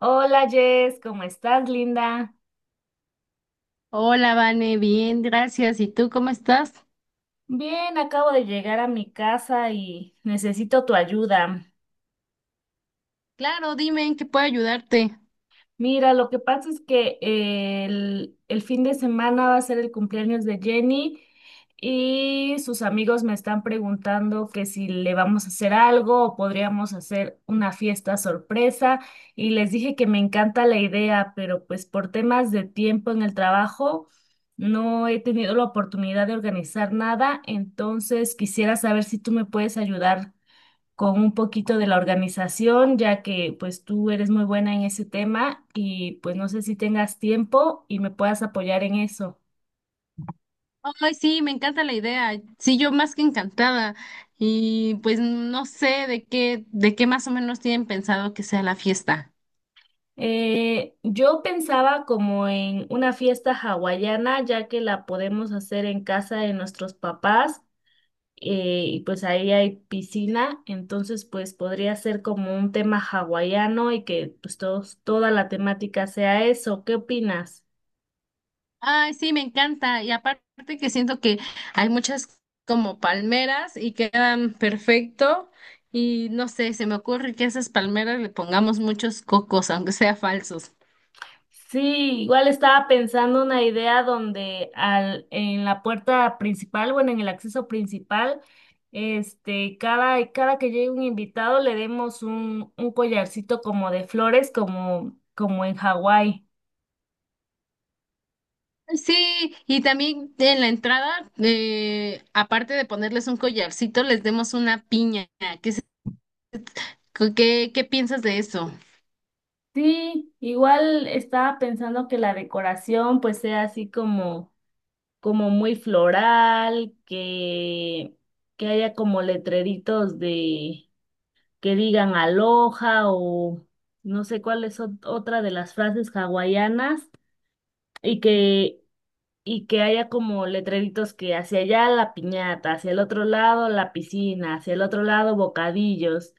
Hola Jess, ¿cómo estás, linda? Hola, Vane, bien, gracias. ¿Y tú cómo estás? Bien, acabo de llegar a mi casa y necesito tu ayuda. Claro, dime en qué puedo ayudarte. Mira, lo que pasa es que el fin de semana va a ser el cumpleaños de Jenny y sus amigos me están preguntando que si le vamos a hacer algo o podríamos hacer una fiesta sorpresa y les dije que me encanta la idea, pero pues por temas de tiempo en el trabajo no he tenido la oportunidad de organizar nada, entonces quisiera saber si tú me puedes ayudar con un poquito de la organización, ya que pues tú eres muy buena en ese tema y pues no sé si tengas tiempo y me puedas apoyar en eso. Ay, sí, me encanta la idea. Sí, yo más que encantada. Y pues no sé de qué más o menos tienen pensado que sea la fiesta. Yo pensaba como en una fiesta hawaiana, ya que la podemos hacer en casa de nuestros papás, y pues ahí hay piscina, entonces pues podría ser como un tema hawaiano y que pues todos, toda la temática sea eso. ¿Qué opinas? Ay, sí, me encanta. Y aparte que siento que hay muchas como palmeras y quedan perfecto. Y no sé, se me ocurre que a esas palmeras le pongamos muchos cocos, aunque sea falsos. Sí, igual estaba pensando una idea donde al, en la puerta principal, bueno, en el acceso principal, este, cada que llegue un invitado le demos un collarcito como de flores, como, como en Hawái. Sí, y también en la entrada, aparte de ponerles un collarcito, les demos una piña. ¿Qué, qué, qué piensas de eso? Sí, igual estaba pensando que la decoración pues sea así como, como muy floral, que haya como letreritos de que digan aloha o no sé cuál es otra de las frases hawaianas y que, y que haya como letreritos que hacia allá la piñata, hacia el otro lado la piscina, hacia el otro lado bocadillos.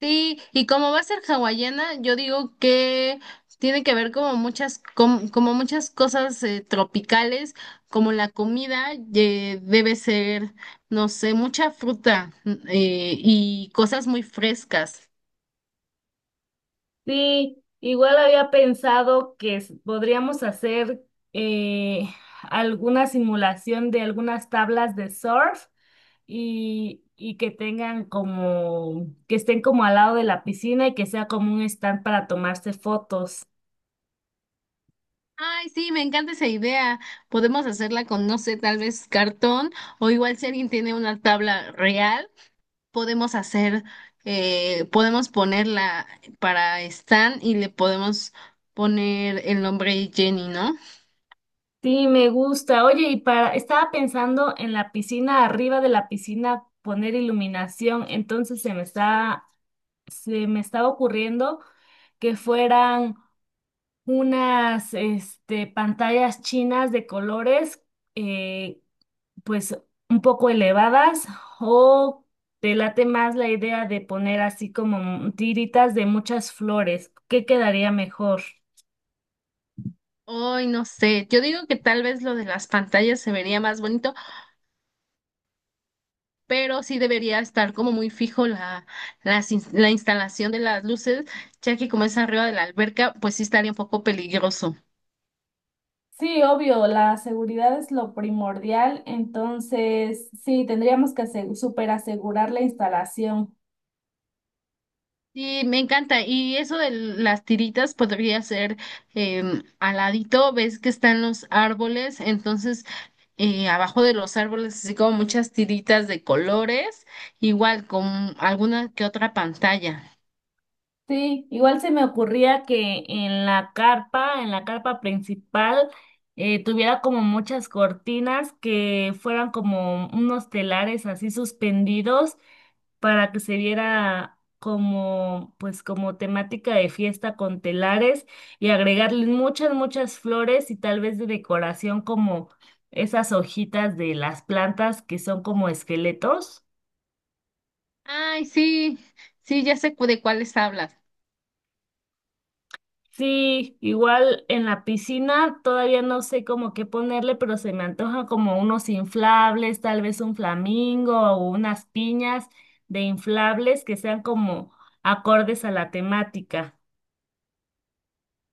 Sí, y como va a ser hawaiana, yo digo que tiene que ver como muchas, como muchas cosas tropicales, como la comida, debe ser, no sé, mucha fruta, y cosas muy frescas. Sí, igual había pensado que podríamos hacer eh, alguna simulación de algunas tablas de surf y que tengan como, que estén como al lado de la piscina y que sea como un stand para tomarse fotos. Ay, sí, me encanta esa idea. Podemos hacerla con, no sé, tal vez cartón o igual si alguien tiene una tabla real, podemos hacer, podemos ponerla para Stan y le podemos poner el nombre Jenny, ¿no? Sí, me gusta. Oye, y para, estaba pensando en la piscina, arriba de la piscina poner iluminación, entonces se me estaba ocurriendo que fueran unas, este, pantallas chinas de colores, eh, pues un poco elevadas o te late más la idea de poner así como tiritas de muchas flores. ¿Qué quedaría mejor? Ay no sé, yo digo que tal vez lo de las pantallas se vería más bonito, pero sí debería estar como muy fijo la instalación de las luces, ya que como es arriba de la alberca, pues sí estaría un poco peligroso. Sí, obvio, la seguridad es lo primordial, entonces sí, tendríamos que super asegurar la instalación. Sí, me encanta. Y eso de las tiritas podría ser al ladito, ves que están los árboles, entonces abajo de los árboles, así como muchas tiritas de colores, igual con alguna que otra pantalla. Sí, igual se me ocurría que en la carpa principal, tuviera como muchas cortinas que fueran como unos telares así suspendidos para que se viera como, pues, como temática de fiesta con telares y agregarle muchas, muchas flores y tal vez de decoración como esas hojitas de las plantas que son como esqueletos. Ay, sí, sí, ya sé de cuáles hablas. Sí, igual en la piscina todavía no sé cómo qué ponerle, pero se me antoja como unos inflables, tal vez un flamingo o unas piñas de inflables que sean como acordes a la temática.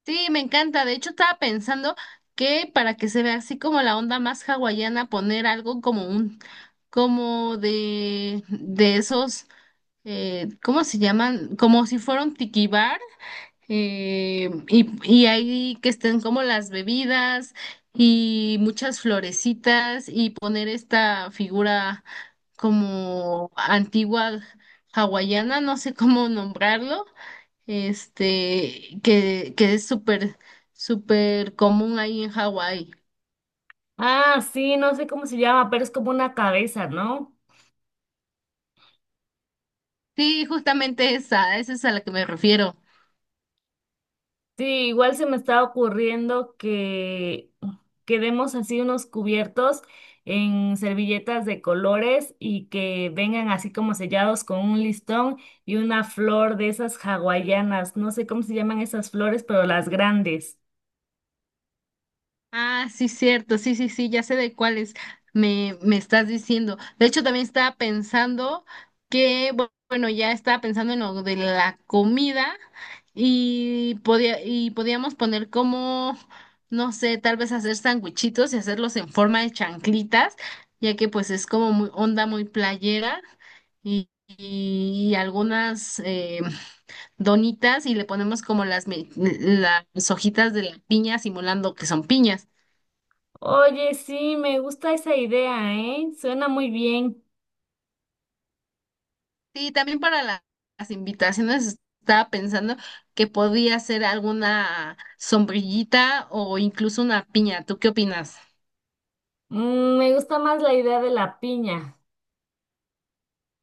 Sí, me encanta. De hecho, estaba pensando que para que se vea así como la onda más hawaiana, poner algo como como de esos. ¿Cómo se llaman? Como si fuera un tiki bar, eh, y, y ahí que estén como las bebidas y muchas florecitas y poner esta figura como antigua hawaiana, no sé cómo nombrarlo, este, que es súper común ahí en Hawái. Ah, sí, no sé cómo se llama, pero es como una cabeza, ¿no? Sí, justamente esa, esa es a la que me refiero. Sí, igual se me está ocurriendo que quedemos así unos cubiertos en servilletas de colores y que vengan así como sellados con un listón y una flor de esas hawaianas. No sé cómo se llaman esas flores, pero las grandes. Ah, sí, cierto, sí, sí, sí, ya sé de cuáles me estás diciendo. De hecho, también estaba pensando que, bueno, ya estaba pensando en lo de la comida y y podíamos poner como, no sé, tal vez hacer sanguichitos y hacerlos en forma de chanclitas, ya que pues es como muy onda muy playera y, y algunas donitas y le ponemos como las hojitas de la piña simulando que son piñas. Oye, sí, me gusta esa idea, ¿eh? Suena muy bien. Sí, también para las invitaciones estaba pensando que podía ser alguna sombrillita o incluso una piña. ¿Tú qué opinas? Mm, me gusta más la idea de la piña.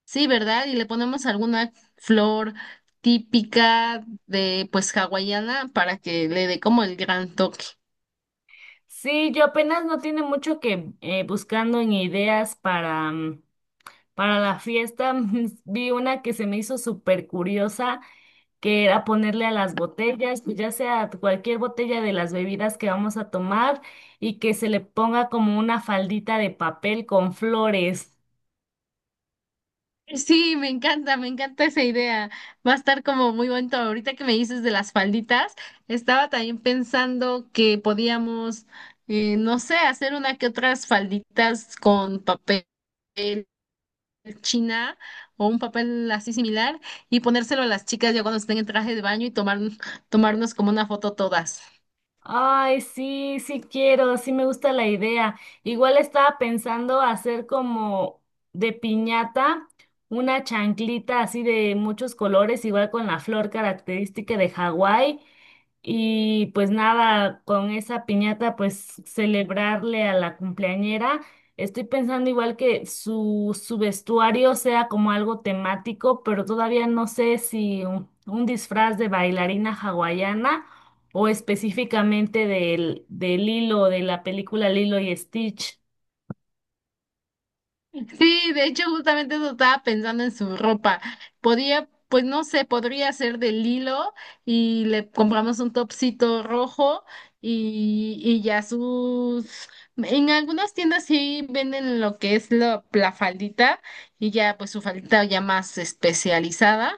Sí, ¿verdad? Y le ponemos alguna flor típica de pues hawaiana para que le dé como el gran toque. Sí, yo apenas no tiene mucho que buscando en ideas para, mm, para la fiesta. Vi una que se me hizo súper curiosa, que era ponerle a las botellas, pues ya sea cualquier botella de las bebidas que vamos a tomar, y que se le ponga como una faldita de papel con flores. Sí, me encanta esa idea. Va a estar como muy bonito. Ahorita que me dices de las falditas, estaba también pensando que podíamos, no sé, hacer una que otras falditas con papel china o un papel así similar y ponérselo a las chicas ya cuando estén en traje de baño y tomarnos como una foto todas. Ay, sí, sí quiero, sí me gusta la idea. Igual estaba pensando hacer como de piñata una chanclita así de muchos colores, igual con la flor característica de Hawái y pues nada, con esa piñata, pues celebrarle a la cumpleañera. Estoy pensando igual que su vestuario sea como algo temático, pero todavía no sé si un disfraz de bailarina hawaiana o específicamente de Lilo, de la película Lilo y Stitch. Sí, de hecho, justamente eso estaba pensando en su ropa. Podía, pues no sé, podría ser del hilo y le compramos un topsito rojo y ya sus... En algunas tiendas sí venden lo que es la faldita y ya pues su faldita ya más especializada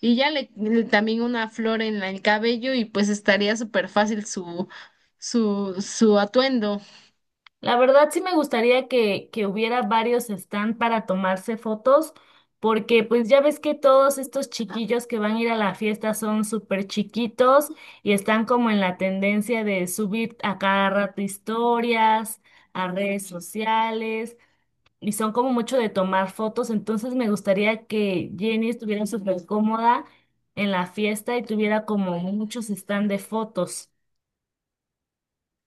y ya también una flor en el cabello y pues estaría súper fácil su atuendo. La verdad sí me gustaría que hubiera varios stand para tomarse fotos, porque pues ya ves que todos estos chiquillos que van a ir a la fiesta son súper chiquitos y están como en la tendencia de subir a cada rato historias, a redes sociales, y son como mucho de tomar fotos, entonces me gustaría que Jenny estuviera súper cómoda en la fiesta y tuviera como muchos stand de fotos.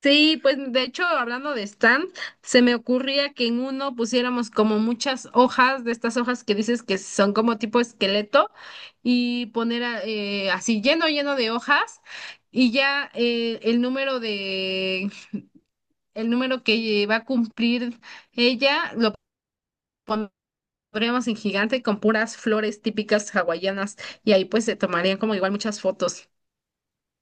Sí, pues de hecho, hablando de stand, se me ocurría que en uno pusiéramos como muchas hojas de estas hojas que dices que son como tipo esqueleto y poner así lleno, lleno de hojas y ya el número que va a cumplir ella lo pondríamos en gigante con puras flores típicas hawaianas y ahí pues se tomarían como igual muchas fotos.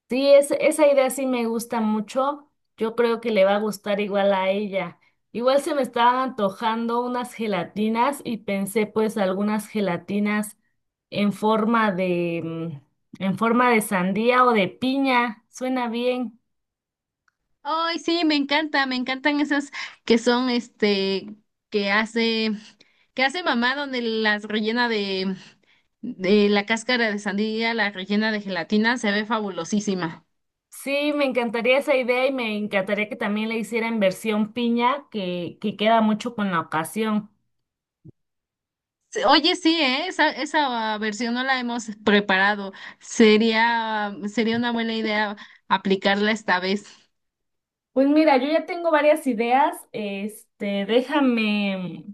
Sí, es, esa idea sí me gusta mucho. Yo creo que le va a gustar igual a ella. Igual se me estaban antojando unas gelatinas y pensé pues algunas gelatinas en forma de, mm, en forma de sandía o de piña. Suena bien. Ay, sí, me encanta, me encantan esas que son, este, que hace, que hace mamá donde las rellena de la cáscara de sandía, la rellena de gelatina, se ve fabulosísima. Sí, me encantaría esa idea y me encantaría que también le hiciera en versión piña, que queda mucho con la ocasión. Sí, oye, sí, ¿eh? Esa versión no la hemos preparado. Sería una buena idea aplicarla esta vez. Pues mira, yo ya tengo varias ideas. Este, déjame.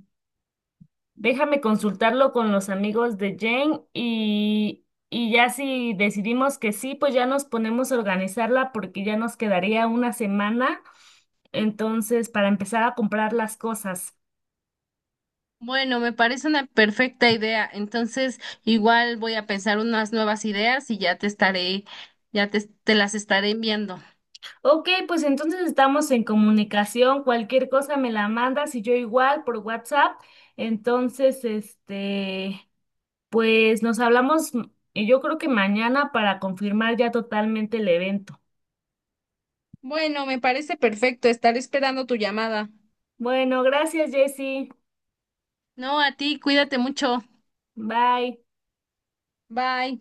Déjame consultarlo con los amigos de Jane y ya si decidimos que sí, pues ya nos ponemos a organizarla porque ya nos quedaría una semana, entonces, para empezar a comprar las cosas. Bueno, me parece una perfecta idea. Entonces, igual voy a pensar unas nuevas ideas y ya te estaré, ya te las estaré enviando. Ok, pues entonces estamos en comunicación, cualquier cosa me la mandas y yo igual por WhatsApp, entonces, este, pues nos hablamos, mm, y yo creo que mañana para confirmar ya totalmente el evento. Bueno, me parece perfecto estar esperando tu llamada. Bueno, gracias, Jessy. No, a ti, cuídate mucho. Bye. Bye.